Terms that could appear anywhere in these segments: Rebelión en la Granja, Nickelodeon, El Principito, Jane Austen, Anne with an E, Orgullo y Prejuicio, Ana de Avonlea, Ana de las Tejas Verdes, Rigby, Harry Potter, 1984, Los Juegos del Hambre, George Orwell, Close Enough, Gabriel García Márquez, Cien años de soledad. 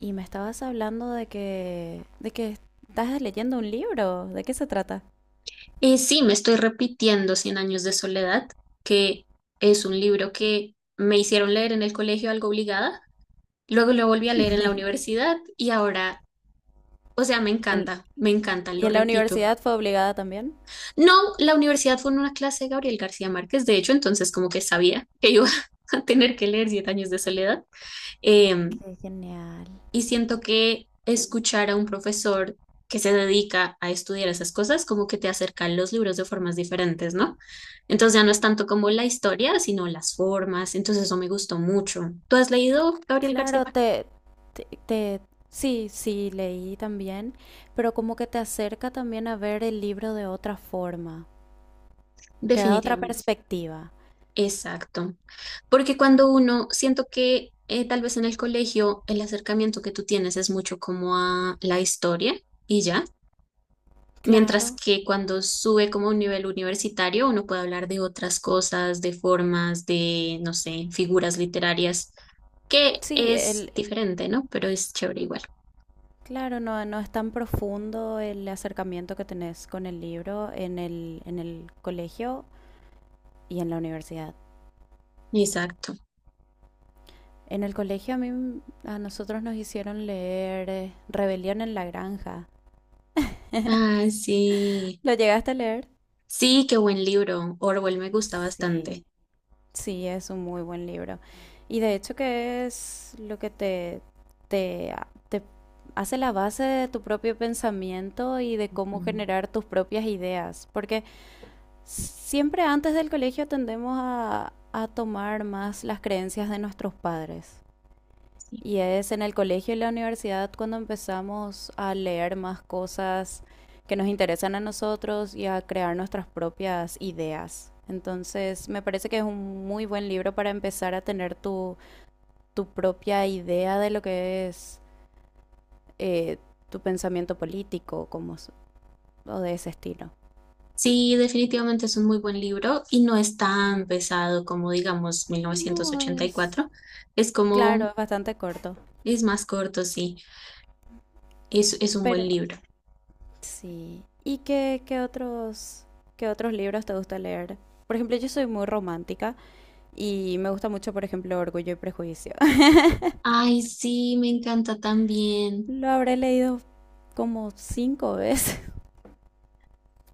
Y me estabas hablando de que estás leyendo un libro. ¿De qué se trata? Sí, me estoy repitiendo Cien años de soledad, que es un libro que me hicieron leer en el colegio algo obligada, luego lo volví a leer en la universidad y ahora, o sea, En- me encanta, ¿y lo en la repito. universidad fue obligada también? No, la universidad fue en una clase de Gabriel García Márquez, de hecho, entonces como que sabía que iba a tener que leer Cien años de soledad. Eh, ¡Qué genial! Y siento que escuchar a un profesor que se dedica a estudiar esas cosas como que te acerca a los libros de formas diferentes, ¿no? Entonces ya no es tanto como la historia, sino las formas. Entonces eso me gustó mucho. ¿Tú has leído Gabriel García Claro, Márquez? Te, te- sí, sí, leí también, pero como que te acerca también a ver el libro de otra forma. Te da otra Definitivamente. perspectiva. Exacto. Porque cuando uno, siento que tal vez en el colegio el acercamiento que tú tienes es mucho como a la historia y ya. Mientras Claro. que cuando sube como a un nivel universitario, uno puede hablar de otras cosas, de formas, de, no sé, figuras literarias, que Sí, es diferente, ¿no? Pero es chévere igual. claro, no es tan profundo el acercamiento que tenés con el libro en el colegio y en la universidad. Exacto. En el colegio a nosotros nos hicieron leer Rebelión en la Granja. Ah, sí. ¿Lo llegaste a leer? Sí, qué buen libro. Orwell me gusta Sí, bastante. sí, es un muy buen libro. Y de hecho que es lo que te, te hace la base de tu propio pensamiento y de cómo Mm. generar tus propias ideas. Porque siempre antes del colegio tendemos a tomar más las creencias de nuestros padres. Sí. Y es en el colegio y la universidad cuando empezamos a leer más cosas que nos interesan a nosotros y a crear nuestras propias ideas. Entonces, me parece que es un muy buen libro para empezar a tener tu propia idea de lo que es eh, tu pensamiento político como, o de ese estilo. Sí, definitivamente es un muy buen libro y no es tan pesado como, digamos, mil novecientos No, ochenta y es cuatro Es claro, como, es bastante corto, es más corto, sí. Es un buen pero libro. sí. ¿Y qué otros libros te gusta leer? Por ejemplo, yo soy muy romántica. Y me gusta mucho, por ejemplo, Orgullo y Prejuicio. Ay, sí, me encanta también. Lo habré leído como cinco veces.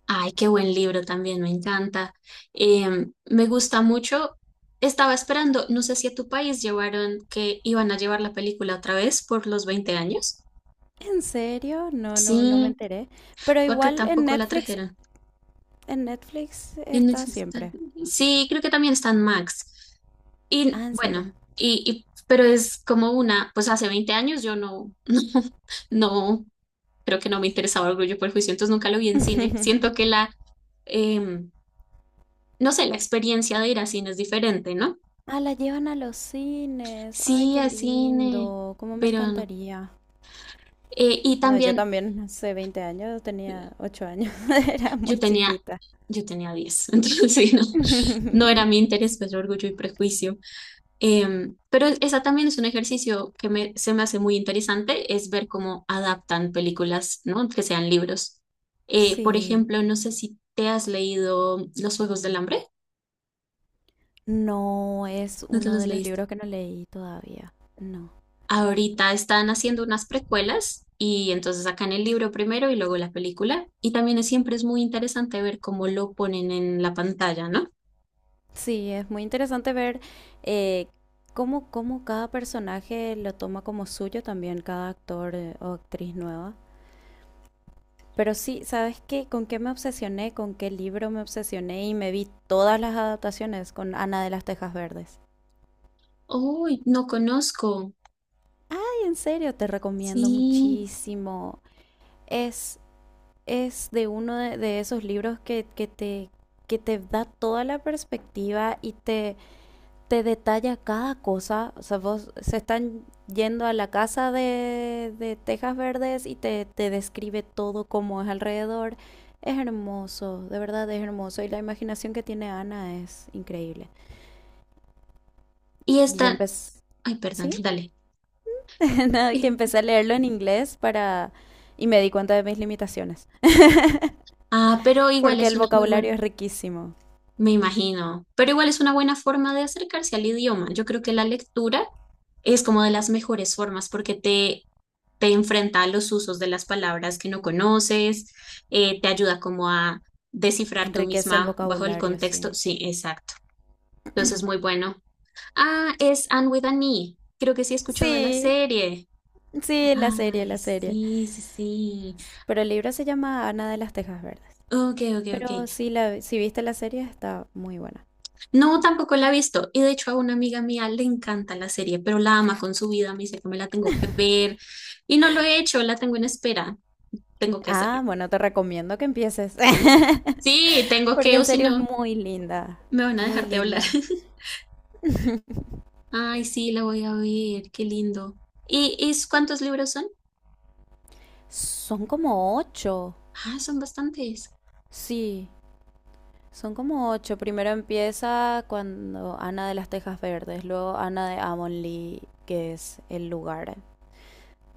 Ay, qué buen libro también, me encanta. Me gusta mucho. Estaba esperando, no sé si a tu país llevaron que iban a llevar la película otra vez por los 20 años. ¿En serio? No, no, no me Sí, enteré. Pero fue acá igual en tampoco la Netflix, trajeron. en Netflix En está Netflix está-. siempre. Sí, creo que también está en Max. Y Ah, ¿en serio? bueno, pero es como una, pues hace 20 años yo no, no, no, creo que no me interesaba Orgullo y Prejuicio, entonces nunca lo vi en cine. Siento que la, em, no sé, la experiencia de ir a cine es diferente, ¿no? Ah, la llevan a los cines. ¡Ay, Sí, qué a cine, lindo! ¡Cómo me pero no. encantaría! Y No, yo también también hace 20 años, tenía 8 años, era yo muy tenía, chiquita. yo tenía 10, entonces sí, no, no era mi interés, pues orgullo y prejuicio. Pero esa también es un ejercicio que me, se me hace muy interesante, es ver cómo adaptan películas, ¿no? Que sean libros. Por Sí, ejemplo, no sé si te has leído Los Juegos del Hambre, no es ¿no te uno los de los leíste? libros que no leí todavía. No. Ahorita están haciendo unas precuelas y entonces sacan el libro primero y luego la película. Y también es- siempre es muy interesante ver cómo lo ponen en la pantalla, ¿no? Sí, es muy interesante ver eh, cómo cada personaje lo toma como suyo también, cada actor, o actriz nueva. Pero sí, ¿sabes qué? ¿Con qué me obsesioné? ¿Con qué libro me obsesioné? Y me vi todas las adaptaciones con Ana de las Tejas Verdes. Uy, no conozco. Ay, en serio, te recomiendo Sí. muchísimo. Es, es de uno de esos libros que te da toda la perspectiva y te detalla cada cosa. O sea, vos se están yendo a la casa de Tejas Verdes y te describe todo como es alrededor. Es hermoso, de verdad es hermoso. Y la imaginación que tiene Ana es increíble. Y Y yo están... empecé, Ay, perdón, ¿sí? dale. Nada, que empecé a leerlo en inglés y me di cuenta de mis limitaciones. Ah, pero igual Porque es el una muy buena. vocabulario es riquísimo. Me imagino, pero igual es una buena forma de acercarse al idioma. Yo creo que la lectura es como de las mejores formas porque te enfrenta a los usos de las palabras que no conoces, te ayuda como a descifrar tú Enriquece el misma bajo el vocabulario, contexto. sí. Sí, exacto. Entonces, muy bueno. Ah, es Anne with an E. Creo que sí he escuchado la Sí, serie. sí, la serie, Ay, la serie. sí, sí, sí. Pero el libro se llama Ana de las Tejas Verdes. Ok, ok, ok. Pero si viste la serie está muy buena. No, tampoco la he visto. Y de hecho a una amiga mía le encanta la serie, pero la ama con su vida. Me dice que me la tengo que ver. Y no lo he hecho, la tengo en espera. Tengo que hacerlo. Ah, bueno, te recomiendo que empieces. Sí, tengo Porque que, o en si serio es no, muy linda. me van a Muy dejar de hablar. linda. Ay, sí, la voy a ver. Qué lindo. ¿Y cuántos libros son? Son como ocho. Ah, son bastantes. Sí, son como ocho. Primero empieza cuando Ana de las Tejas Verdes, luego Ana de Avonlea, que es el lugar.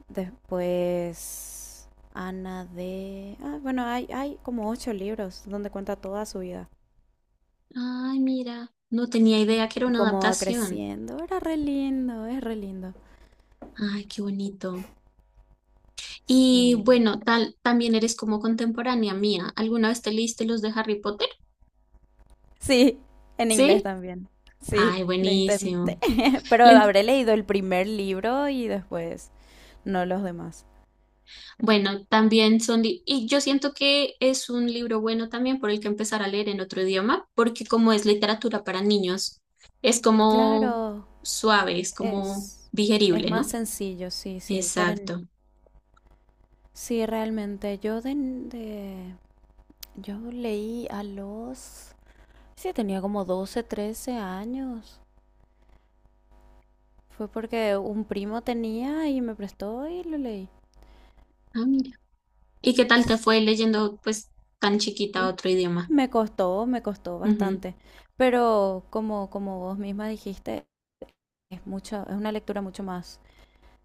Después Ana de— Ah, bueno, hay como ocho libros donde cuenta toda su vida. Ay, mira. No tenía idea que era una Cómo va adaptación. creciendo. Era re lindo, es re lindo. Ay, qué bonito. Y Sí. bueno, tal, también eres como contemporánea mía. ¿Alguna vez te leíste los de Harry Potter? Sí, en inglés ¿Sí? también. Sí, Ay, lo intenté. buenísimo. Pero Le ent-. habré leído el primer libro y después no los demás. Bueno, también son, li- y yo siento que es un libro bueno también por el que empezar a leer en otro idioma, porque como es literatura para niños, es como Claro, suave, es como es, es digerible, más ¿no? sencillo, sí, sí, para ni- Exacto. sí, realmente, yo leí sí, tenía como 12, 13 años. Fue porque un primo tenía y me prestó y lo leí. Ah, mira. ¿Y qué tal te fue leyendo, pues, tan chiquita otro idioma? Me costó Ujú, bastante, pero como vos misma dijiste, es una lectura mucho más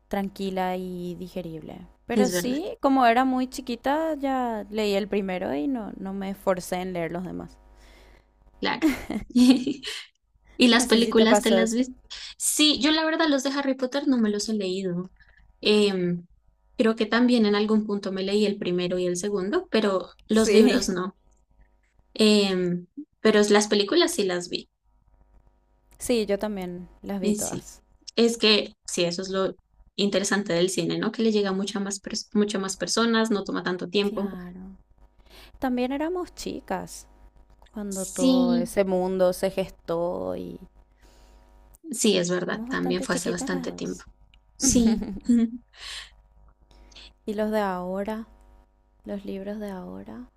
tranquila y digerible. Pero es verdad, sí, como era muy chiquita, ya leí el primero y no me esforcé en leer los demás. claro. ¿Y las No sé si te películas te pasó las eso. viste? Sí, yo la verdad los de Harry Potter no me los he leído. Em, Creo que también en algún punto me leí el primero y el segundo, pero los libros Sí, no. Em, pero las películas sí las vi. sí, yo también las vi Y sí, todas. es que sí, eso es lo interesante del cine, ¿no? Que le llega a mucha más pers- muchas más personas, no toma tanto tiempo. Claro. También éramos chicas cuando todo Sí, ese mundo se gestó y sí, es verdad, éramos también bastante fue hace chiquitas las bastante tiempo. dos. Sí, Y los libros de ahora,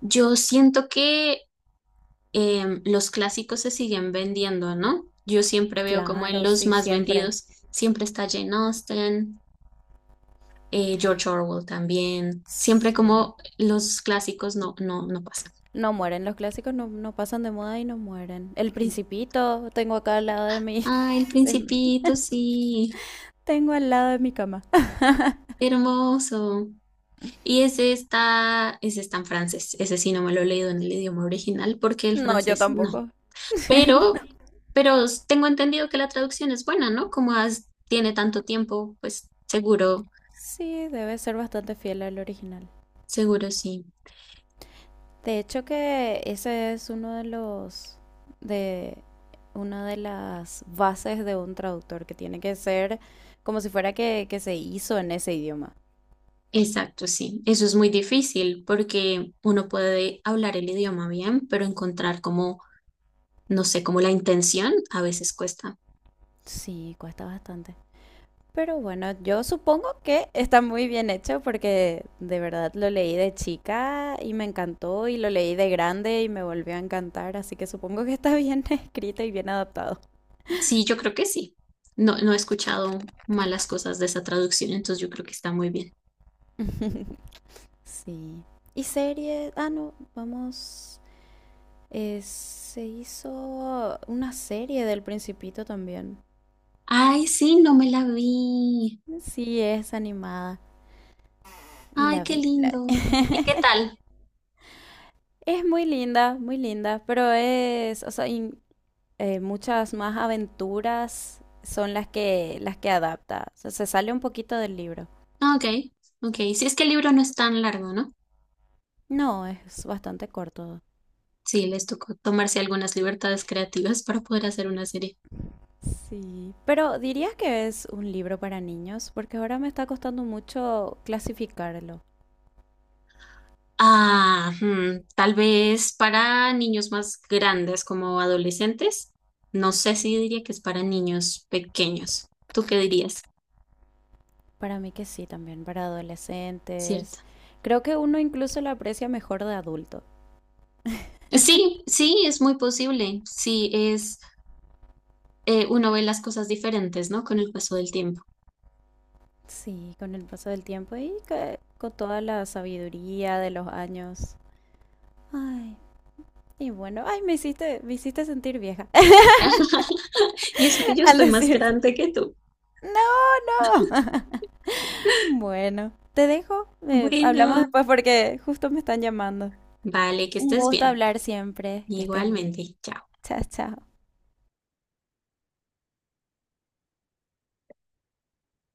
yo siento que los clásicos se siguen vendiendo, ¿no? Yo siempre veo como en claro, los sí, más siempre. vendidos, siempre está Jane Austen, George Orwell también, siempre Sí. como los clásicos no pasan. No mueren, los clásicos no pasan de moda y no mueren. El Principito, tengo acá al lado de Ah, El de mi- Principito, sí, tengo al lado de mi cama. hermoso. Y ese está en francés, ese sí no me lo he leído en el idioma original porque el No, yo francés no. tampoco. Pero, pero tengo entendido que la traducción es buena, ¿no? Como has- tiene tanto tiempo, pues seguro. Sí, debe ser bastante fiel al original. Seguro sí. De hecho que ese es uno de los de una de las bases de un traductor que tiene que ser como si fuera que se hizo en ese idioma. Exacto, sí. Eso es muy difícil porque uno puede hablar el idioma bien, pero encontrar como, no sé, como la intención a veces cuesta. Sí, cuesta bastante. Pero bueno, yo supongo que está muy bien hecho porque de verdad lo leí de chica y me encantó y lo leí de grande y me volvió a encantar, así que supongo que está bien escrito y bien adaptado. Sí, yo creo que sí. No, no he escuchado malas cosas de esa traducción, entonces yo creo que está muy bien. Sí. ¿Y serie? Ah, no, vamos. Se hizo una serie del Principito también. Ay, sí, no me la vi. Sí, es animada y Ay, la qué vi. Lindo. ¿Y qué tal? Es muy linda, pero o sea, muchas más aventuras son las que adapta. O sea, se sale un poquito del libro. Ah, ok, ok. Sí, es que el libro no es tan largo, ¿no? No, es bastante corto. Sí, les tocó tomarse algunas libertades creativas para poder hacer una serie. Sí, pero dirías que es un libro para niños, porque ahora me está costando mucho clasificarlo. Ah, hmm, tal vez para niños más grandes como adolescentes. No sé si diría que es para niños pequeños. ¿Tú qué dirías? Para mí que sí, también, para ¿Cierto? adolescentes. Creo que uno incluso lo aprecia mejor de adulto. Sí, sí, es muy posible. Sí, es, uno ve las cosas diferentes, ¿no? Con el paso del tiempo. Sí, con el paso del tiempo con toda la sabiduría de los años. Ay, y bueno, ay, me hiciste sentir vieja Y eso que yo al estoy más decir grande que tú. no, no. Bueno, te dejo. Hablamos Bueno, después porque justo me están llamando. vale, que Un estés gusto bien. hablar siempre. Que estés bien. Igualmente, chao. Chao, chao.